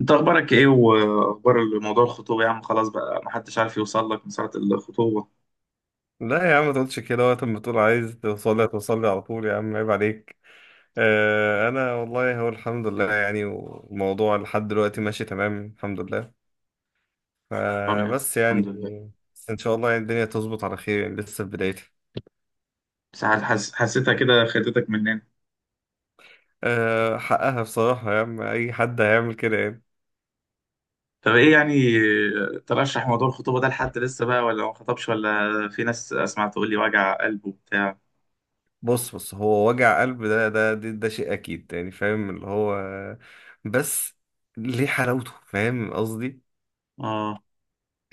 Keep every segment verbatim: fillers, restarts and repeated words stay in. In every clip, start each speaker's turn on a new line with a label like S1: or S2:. S1: انت اخبارك ايه، واخبار موضوع الخطوبه يا عم؟ خلاص بقى ما حدش عارف يوصل لك من ساعه الخطوبه.
S2: لا يا عم ما تقولش كده، وقت ما تقول عايز توصل لي هتوصل لي على طول يا عم، عيب عليك. آه انا والله هو الحمد لله يعني، والموضوع لحد دلوقتي ماشي تمام الحمد لله.
S1: طب
S2: آه
S1: يعني.
S2: بس يعني
S1: الحمد لله.
S2: بس ان شاء الله يعني الدنيا تظبط على خير، يعني لسه في بدايتها.
S1: بس حس... حسيتها كده خدتك مننا.
S2: آه حقها بصراحة يا عم، اي حد هيعمل كده يعني.
S1: طب ايه يعني. اه، ترشح موضوع الخطوبه ده لحد لسه بقى، ولا ما خطبش ولا؟ في ناس اسمع تقول لي وجع قلب وبتاع.
S2: بص بص، هو وجع قلب، ده ده ده, ده شيء اكيد يعني، فاهم اللي هو، بس ليه حلاوته، فاهم قصدي،
S1: اه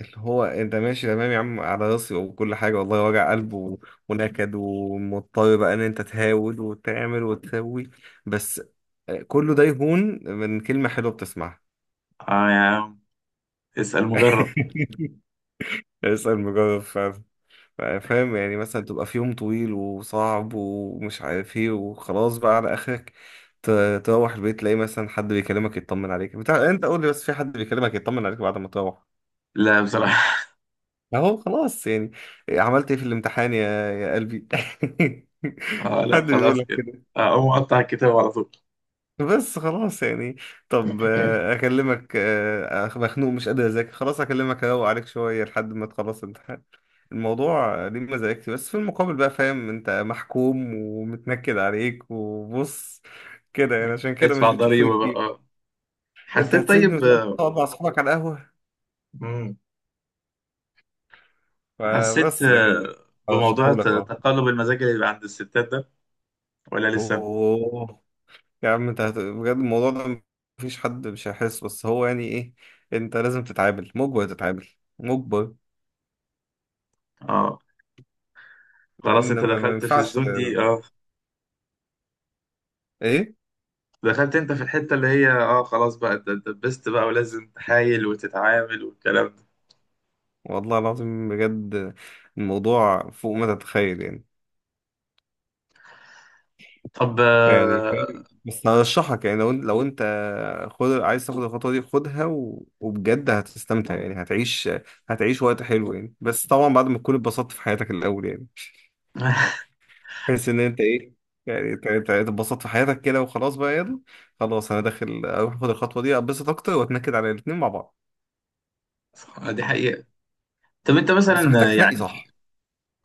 S2: اللي هو انت ماشي تمام يا عم على راسي وكل حاجة والله، وجع قلب و- ونكد، ومضطر بقى ان انت تهاود وتعمل وتسوي، بس كله ده يهون من كلمة حلوة بتسمعها.
S1: اه يا عم، اسال مجرب.
S2: اسأل مجرب فعلا. فاهم يعني، مثلا تبقى في يوم طويل وصعب ومش عارف ايه وخلاص بقى على اخرك، ت- تروح البيت تلاقي مثلا حد بيكلمك يطمن عليك بتاع، انت قول لي بس، في حد بيكلمك يطمن عليك بعد ما تروح؟
S1: لا بصراحه.
S2: اهو خلاص يعني. عملت ايه في الامتحان يا يا قلبي؟
S1: اه، لا
S2: حد بيقول
S1: خلاص
S2: لك
S1: كده.
S2: كده؟
S1: اه، اقوم اقطع الكتاب على طول.
S2: بس خلاص يعني. طب آه، اكلمك، آه، أخ- مخنوق مش قادر اذاكر خلاص، اكلمك اروق عليك شويه لحد ما تخلص الامتحان. الموضوع آه، ليه مزاجتي، بس في المقابل بقى فاهم انت محكوم ومتنكد عليك، وبص كده يعني، عشان كده مش
S1: ادفع
S2: بتشوفوني
S1: ضريبه بقى
S2: كتير.
S1: اه.
S2: انت
S1: حسيت
S2: هتسيبني
S1: طيب.
S2: وتقعد مع اصحابك على القهوه.
S1: آه، حسيت
S2: فبس، لكن
S1: آه، بموضوع ت-
S2: ارشحهولك اه.
S1: تقلب المزاج اللي بيبقى عند الستات ده، ولا لسه؟
S2: اوه يا عم، انت هت... بجد الموضوع ده مفيش حد مش هيحس، بس هو يعني ايه؟ انت لازم تتعامل مجبر، تتعامل مجبر.
S1: اه، خلاص
S2: لان
S1: انت
S2: ما, ما
S1: دخلت في
S2: ينفعش.
S1: الزون دي اه.
S2: ايه؟
S1: دخلت انت في الحتة اللي هي اه خلاص بقى، انت انت اتدبست بقى، ولازم تحايل وتتعامل والكلام ده.
S2: والله العظيم بجد، الموضوع فوق ما تتخيل يعني.
S1: طب
S2: يعني
S1: آه،
S2: فاهم؟ بس هرشحك يعني، لو انت لو انت خد، عايز تاخد الخطوه دي خدها، و... وبجد هتستمتع يعني، هتعيش هتعيش وقت حلو يعني، بس طبعا بعد ما تكون اتبسطت في حياتك الاول يعني، بحيث ان انت ايه، يعني ت- ت- تتبسط في حياتك كده، وخلاص بقى يلا، خلاص انا داخل اروح اخد الخطوه دي، اتبسط اكتر واتنكد على الاتنين مع بعض،
S1: آه، دي حقيقة. طب انت
S2: بس
S1: مثلا آه،
S2: محتاج تنقي
S1: يعني.
S2: صح.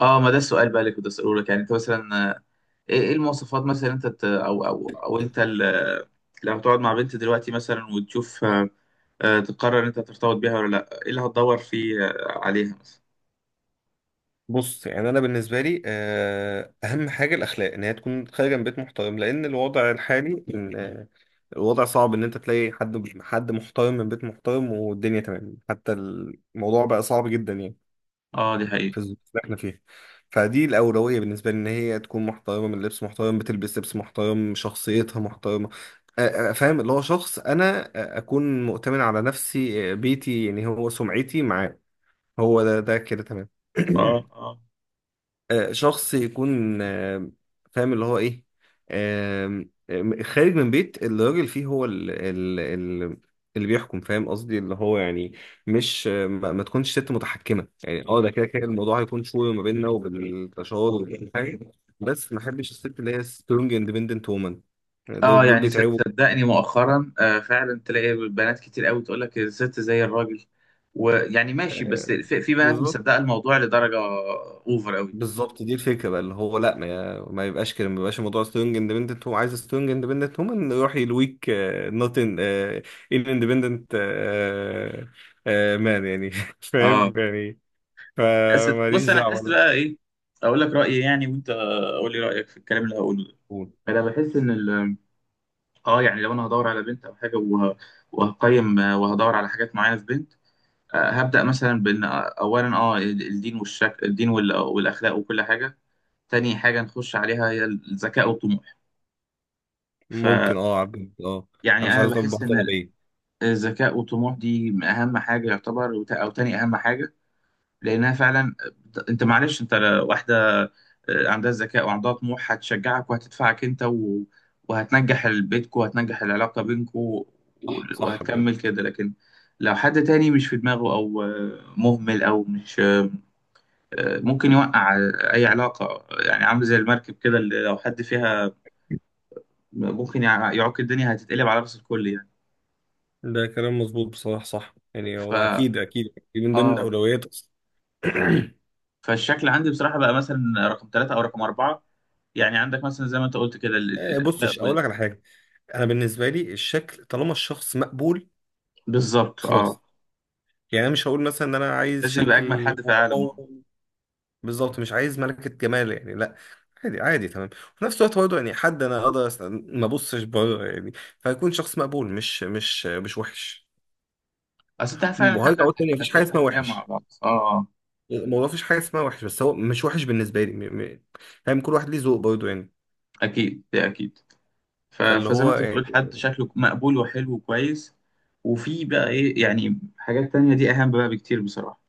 S1: اه ما ده السؤال بقى اللي كنت اسأله لك يعني. انت مثلا آه، ايه إيه المواصفات مثلا انت ت- او او او انت ال- لما تقعد مع بنت دلوقتي مثلا وتشوف آه، آه، تقرر انت ترتبط بيها ولا لا. ايه اللي هتدور فيه آه، عليها مثلا؟
S2: بص يعني انا بالنسبه لي آه، اهم حاجه الاخلاق، ان هي تكون خارجه من بيت محترم، لان الوضع الحالي إن، آه، الوضع صعب ان انت تلاقي حد حد محترم من بيت محترم والدنيا تمام، حتى الموضوع بقى صعب جدا يعني،
S1: اه، دي حقيقة.
S2: في الظروف اللي احنا فيها. فدي الأولوية بالنسبة لي، إن هي تكون محترمة، من اللبس محترم بتلبس لبس محترم، شخصيتها محترمة، أ- أ- فاهم اللي هو شخص، أنا أ- أكون مؤتمن على نفسي، أ، بيتي يعني، هو سمعتي معاه، هو ده ده كده تمام.
S1: اه اه.
S2: آه، شخص يكون، آه، فاهم اللي هو ايه، آم، آم، خارج من بيت الراجل، فيه هو ال ال ال اللي بيحكم، فاهم قصدي، اللي هو يعني مش، آه، ما ما تكونش ست متحكمة يعني، اه ده كده كده الموضوع هيكون شوية ما بيننا وبالتشاور وكل حاجة، بس ما احبش الست اللي هي سترونج اندبندنت وومن،
S1: اه
S2: دول دول
S1: يعني ص-
S2: بيتعبوا.
S1: صدقني مؤخرا آه فعلا تلاقي بنات كتير قوي تقول لك الست زي الراجل. ويعني ماشي، بس
S2: آه،
S1: في, في بنات
S2: بالظبط.
S1: مصدقة الموضوع لدرجة اوفر قوي.
S2: بالظبط، دي الفكره بقى، اللي هو لا، ما, ما يبقاش كده، ما يبقاش الموضوع سترونج اندبندنت، هو عايز سترونج اندبندنت، هم يروح يلويك نوت ان، ان اندبندنت مان يعني.
S1: اه،
S2: فاهم يعني،
S1: بس بص
S2: فماليش
S1: انا
S2: دعوه
S1: حاسس
S2: انا.
S1: بقى ايه. اقول لك رأيي يعني، وانت قول لي رأيك في الكلام اللي هقوله.
S2: قول.
S1: ده انا بحس ان ال- اه يعني لو انا هدور على بنت او حاجة وه- وهقيم آه، وهدور على حاجات معينة في بنت. آه، هبدأ مثلا بإن آه، أولا أه الدين والشك... الدين وال- والأخلاق وكل حاجة. تاني حاجة نخش عليها هي الذكاء والطموح. فيعني.
S2: ممكن اه، عبد اه، انا مش
S1: أنا
S2: عايز اطبق
S1: بحس
S2: واحده
S1: إن
S2: غبيه.
S1: الذكاء والطموح دي أهم حاجة يعتبر، وت- أو تاني أهم حاجة. لأنها فعلا بت- أنت معلش أنت ل- واحدة آه، عندها ذكاء وعندها طموح هتشجعك وهتدفعك أنت و... وهتنجح بيتكو وهتنجح العلاقة بينكو و...
S2: صح صح بجد،
S1: وهتكمل كده. لكن لو حد تاني مش في دماغه أو آه، مهمل أو مش ممكن يوقع. اي علاقه يعني عامل زي المركب كده، اللي لو حد فيها ممكن يع- يعوق، الدنيا هتتقلب على راس الكل يعني.
S2: ده كلام مظبوط بصراحه، صح يعني،
S1: ف
S2: هو اكيد اكيد من ضمن
S1: اه
S2: الاولويات اصلا.
S1: فالشكل عندي بصراحه بقى مثلا رقم ثلاثة او رقم اربعة. يعني عندك مثلا زي ما انت قلت كده ال- ال-
S2: آه، بص،
S1: الاخلاق
S2: مش اقول لك
S1: وال...
S2: على حاجه، انا بالنسبه لي الشكل طالما الشخص مقبول
S1: بالظبط
S2: خلاص
S1: اه،
S2: يعني، انا مش هقول مثلا ان انا عايز
S1: لازم يبقى اجمل
S2: شكل
S1: حد في العالم اه.
S2: واو، بالظبط مش عايز ملكة جمال يعني، لا، عادي عادي تمام. وفي نفس الوقت برضه يعني حد انا اقدر، أس- ما ابصش بره يعني، فيكون شخص مقبول، مش مش مش وحش.
S1: اصل انت فعلا حد
S2: وهرجع اقول
S1: هت-
S2: تاني، مفيش حاجة
S1: هتعيشوا
S2: اسمها
S1: حياه مع
S2: وحش،
S1: بعض اه آه.
S2: الموضوع مفيش حاجة اسمها وحش، بس هو مش وحش بالنسبة لي، م- م- يعني كل واحد ليه ذوق برضه يعني،
S1: اكيد ده اكيد. ف...
S2: فاللي
S1: فزي ما
S2: هو
S1: انت
S2: يعني،
S1: بتقول حد شكله مقبول وحلو وكويس. وفي بقى ايه يعني، حاجات تانية دي اهم بقى بكتير بصراحه.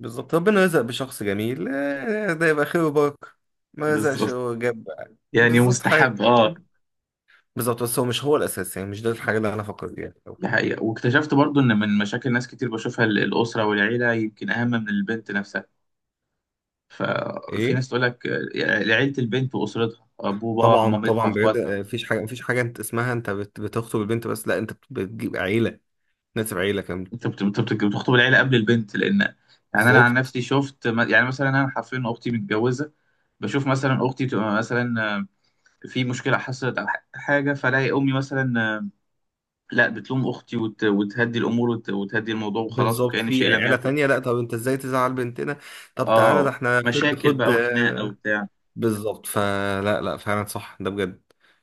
S2: بالظبط. ربنا رزق بشخص جميل آه، ده يبقى خير وبركة، ما رزقش
S1: بالظبط،
S2: هو جاب.
S1: يعني
S2: بالظبط حاجة.
S1: مستحب اه.
S2: بالظبط، بس هو مش هو الاساس يعني، مش ده الحاجه اللي انا فكرت فيها في الأول.
S1: دي حقيقة. واكتشفت برضو ان من مشاكل ناس كتير بشوفها ال- الأسرة والعيلة يمكن أهم من البنت نفسها. ففي
S2: ايه،
S1: ناس تقول لك آه، عيلة البنت وأسرتها، أبوه باباها
S2: طبعا
S1: مامتها
S2: طبعا بجد.
S1: أخواتها.
S2: آه، مفيش حاجه، مفيش حاجه، انت اسمها انت بت- بتخطب البنت، بس لا، انت بت- بتجيب عيله، ناسب عيله كامله.
S1: أنت بت- بت- بت- بتخطب العيلة قبل البنت، لأن يعني أنا عن
S2: بالظبط.
S1: نفسي شفت م- يعني مثلا أنا حرفيا أختي متجوزة. بشوف مثلا أختي تبقى مثلا آه، في مشكلة حصلت أو ح- حاجة، فلاقي أمي مثلا آه، لا بتلوم أختي، وت- وتهدي الأمور وت- وتهدي الموضوع وخلاص،
S2: بالظبط،
S1: وكأن
S2: في
S1: شيء لم
S2: عيله
S1: يكن.
S2: تانية لا، طب انت ازاي تزعل بنتنا، طب تعالى ده
S1: اه
S2: احنا خد
S1: مشاكل
S2: خد
S1: بقى وخناقه
S2: آه،
S1: وبتاع.
S2: بالظبط، فلا لا فعلا صح، ده بجد.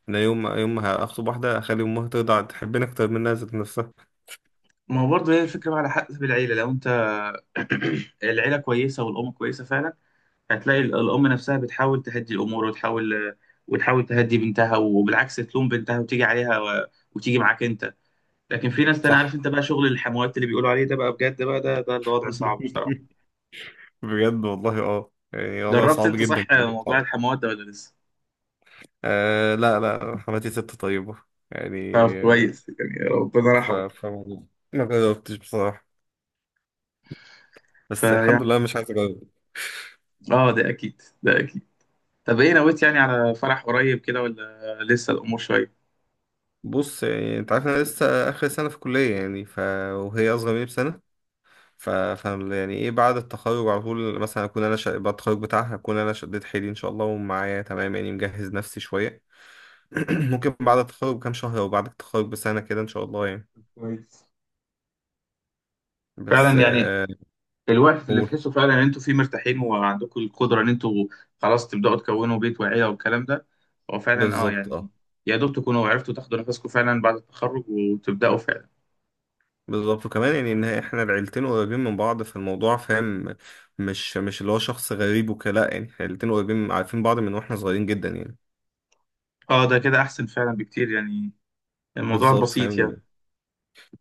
S2: انا يوم يوم ما هخطب واحده اخلي امها ترضى تحبني اكتر منها ذات نفسها.
S1: ما هو برضه هي الفكره بقى على حسب العيله، لو انت العيله كويسه والام كويسه فعلا، هتلاقي ال- الام نفسها بتحاول تهدي الامور وتحاول وتحاول تهدي بنتها، وبالعكس تلوم بنتها وتيجي عليها و... وتيجي معاك انت. لكن في ناس تانية، عارف
S2: صح.
S1: انت بقى شغل الحموات اللي بيقولوا عليه ده بقى بجد بقى، ده ده الوضع صعب بصراحه.
S2: بجد والله، اه يعني والله
S1: جربت
S2: صعب
S1: انت
S2: جدا.
S1: صح موضوع الحموات ده ولا لسه؟
S2: آه لا لا، حماتي ست طيبة يعني.
S1: طب
S2: آه،
S1: كويس يعني، ربنا
S2: ف...
S1: رحمه.
S2: ف... ما جربتش بصراحة، بس الحمد لله
S1: فيعني
S2: مش عايز اجرب.
S1: اه، ده اكيد ده اكيد. طب ايه نويت يعني، على فرح قريب كده ولا لسه الامور شويه؟
S2: بص يعني انت عارف انا لسه اخر سنة في كلية يعني، ف... وهي اصغر مني بسنة، ف... فاهم يعني، ايه بعد التخرج على طول مثلا اكون انا، ش... بعد التخرج بتاعها اكون انا شديت حيلي ان شاء الله، ومعايا تمام يعني، مجهز نفسي شوية. ممكن بعد التخرج بكام شهر، او بعد التخرج بسنة كده ان شاء الله يعني.
S1: كويس
S2: بس
S1: فعلا يعني.
S2: آه.
S1: الوقت اللي
S2: قول.
S1: تحسوا فعلا ان انتوا فيه مرتاحين وعندكم القدره ان انتوا خلاص تبداوا تكونوا بيت وعيله والكلام ده. هو فعلا اه
S2: بالظبط
S1: يعني،
S2: اه.
S1: يا دوب تكونوا عرفتوا تاخدوا نفسكم فعلا بعد التخرج وتبداوا فعلا.
S2: بالظبط، وكمان يعني ان احنا العيلتين قريبين من بعض، فالموضوع فاهم، مش مش اللي هو شخص غريب وكده، لا يعني احنا العيلتين قريبين عارفين بعض من واحنا صغيرين جدا يعني.
S1: اه، ده كده احسن فعلا بكتير يعني. الموضوع
S2: بالظبط
S1: بسيط
S2: فاهم.
S1: يعني.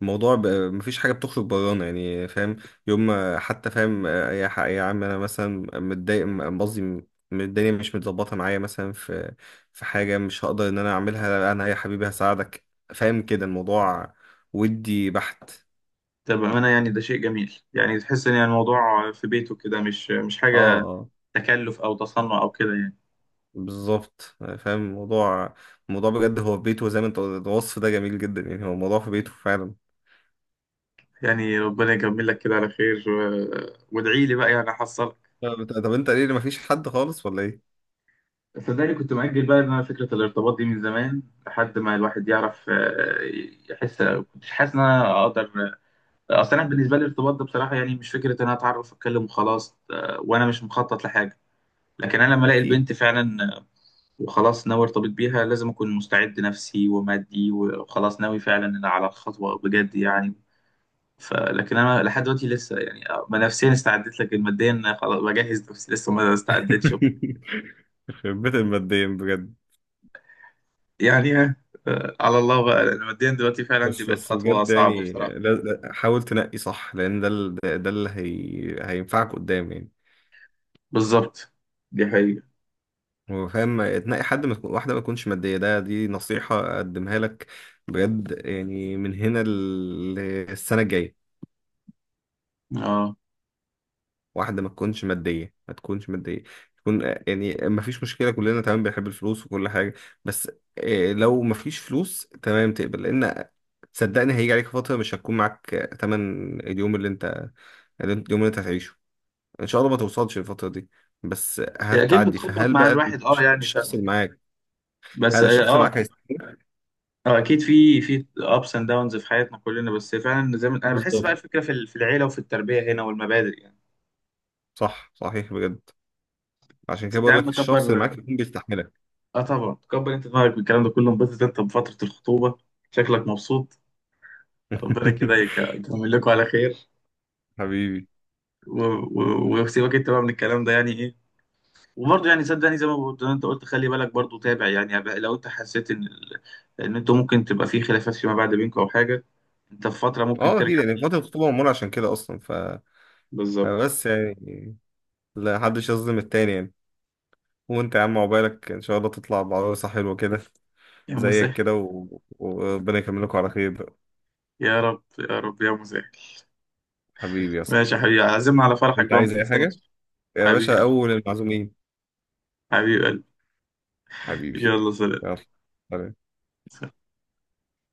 S2: الموضوع ب... مفيش حاجه بتخرج برانا يعني، فاهم، يوم ما- حتى فاهم آه، يا ح- يا عم، انا مثلا متضايق، م- قصدي، م- الدنيا مش متظبطه معايا مثلا، في في حاجه مش هقدر ان انا اعملها، انا يا حبيبي هساعدك، فاهم كده الموضوع، ودي بحت.
S1: ده بامانه، يعني ده شيء جميل، يعني تحس ان يعني الموضوع في بيته كده مش مش
S2: اه
S1: حاجه
S2: آه.
S1: تكلف او تصنع او كده يعني.
S2: بالظبط، فاهم الموضوع. الموضوع بجد هو في بيته زي ما انت قلت، الوصف ده جميل جدا يعني، هو الموضوع في بيته فعلا.
S1: يعني ربنا يكمل لك كده على خير، و... وادعي لي بقى يعني احصلك.
S2: طب طب انت ليه ما فيش حد خالص ولا ايه؟
S1: صدقني كنت مأجل بقى ان انا فكرة الارتباط دي من زمان، لحد ما الواحد يعرف آه، يحس. كنتش حاسس ان انا اقدر. اصل انا بالنسبة لي الارتباط ده بصراحة يعني مش فكرة ان انا اتعرف اتكلم وخلاص، آه، وانا مش مخطط لحاجة. لكن انا لما الاقي
S2: اكيد.
S1: البنت فعلا آه، وخلاص ناوي ارتبط بيها، لازم اكون مستعد نفسي ومادي وخلاص ناوي فعلا على الخطوة بجد يعني. فلكن انا لحد دلوقتي لسه يعني آه، ما نفسيا استعدت، لكن ماديا خلاص بجهز نفسي لسه ما استعدتش.
S2: يخرب بيت الماديين بجد.
S1: يعني آه، آه، على الله بقى، لأن ماديا دلوقتي فعلا دي
S2: بس
S1: بقت
S2: بس
S1: خطوة
S2: بجد
S1: صعبة
S2: يعني،
S1: بصراحة.
S2: لا لا، حاول تنقي صح، لان ده ال- ده ده اللي هي... هينفعك قدام يعني.
S1: بالظبط، دي حقيقة
S2: هو فاهم، تنقي حد، ما تكون واحده ما تكونش ماديه، ده دي نصيحه اقدمها لك بجد يعني، من هنا للسنه الجايه.
S1: اه.
S2: واحدة ما تكونش مادية، ما تكونش مادية، تكون آه، يعني ما فيش مشكلة، كلنا تمام بنحب الفلوس وكل حاجة، بس آه، لو ما فيش فلوس تمام تقبل، لأن صدقني هيجي عليك فترة مش هتكون معاك آه، تمن اليوم اللي انت، اللي انت- اليوم اللي انت هتعيشه، ان شاء الله ما توصلش الفترة دي، بس
S1: هي اكيد
S2: هتعدي،
S1: بتخبط
S2: فهل
S1: مع
S2: بقى
S1: الواحد اه
S2: الش-
S1: يعني،
S2: الشخص اللي
S1: فاهمك.
S2: معاك،
S1: بس
S2: هل
S1: اه
S2: الشخص اللي
S1: اه
S2: معاك هيستحملك؟
S1: آه، اكيد في في ابس اند داونز في حياتنا كلنا، بس فعلا زي ما انا بحس بقى
S2: بالظبط.
S1: الفكرة في ال- في العيلة وفي التربية هنا والمبادئ يعني.
S2: صح صحيح بجد، عشان
S1: بس
S2: كده
S1: انت يا
S2: بقول لك
S1: عم
S2: الشخص اللي
S1: كبر.
S2: معاك يكون بيستحملك.
S1: اه طبعا كبر انت دماغك بالكلام ده كله، انبسط انت بفترة الخطوبة، شكلك مبسوط. ربنا كده يك- يكمل لكم على خير.
S2: حبيبي.
S1: و- و- وسيبك انت بقى من الكلام ده يعني ايه. وبرضه يعني صدقني زي ما بقول- زي ما انت قلت، خلي بالك برضه، تابع يعني بقى، لو انت حسيت ان ال- ان انتوا ممكن تبقى في خلافات فيما بعد بينكم او حاجه. انت في فتره ممكن
S2: اه اكيد
S1: ترجع.
S2: يعني، فترة الخطوبة معمولة عشان كده اصلا، ف
S1: بالظبط.
S2: بس يعني لا حدش يظلم التاني يعني. وانت يا عم عقبالك ان شاء الله تطلع بعروسة حلوة كده
S1: يا
S2: زيك
S1: مسهل.
S2: كده، و- وربنا يكملكم على خير بقى.
S1: يا رب يا رب يا مسهل.
S2: حبيبي يا صاحبي.
S1: ماشي يا حبيبي، عزمنا على فرحك
S2: انت
S1: بقى، ما
S2: عايز اي حاجة
S1: تنساناش.
S2: يا
S1: حبيبي
S2: باشا،
S1: قلبي.
S2: اول المعزومين.
S1: حبيب قلبي.
S2: حبيبي.
S1: يلا سلام.
S2: يلا سلام.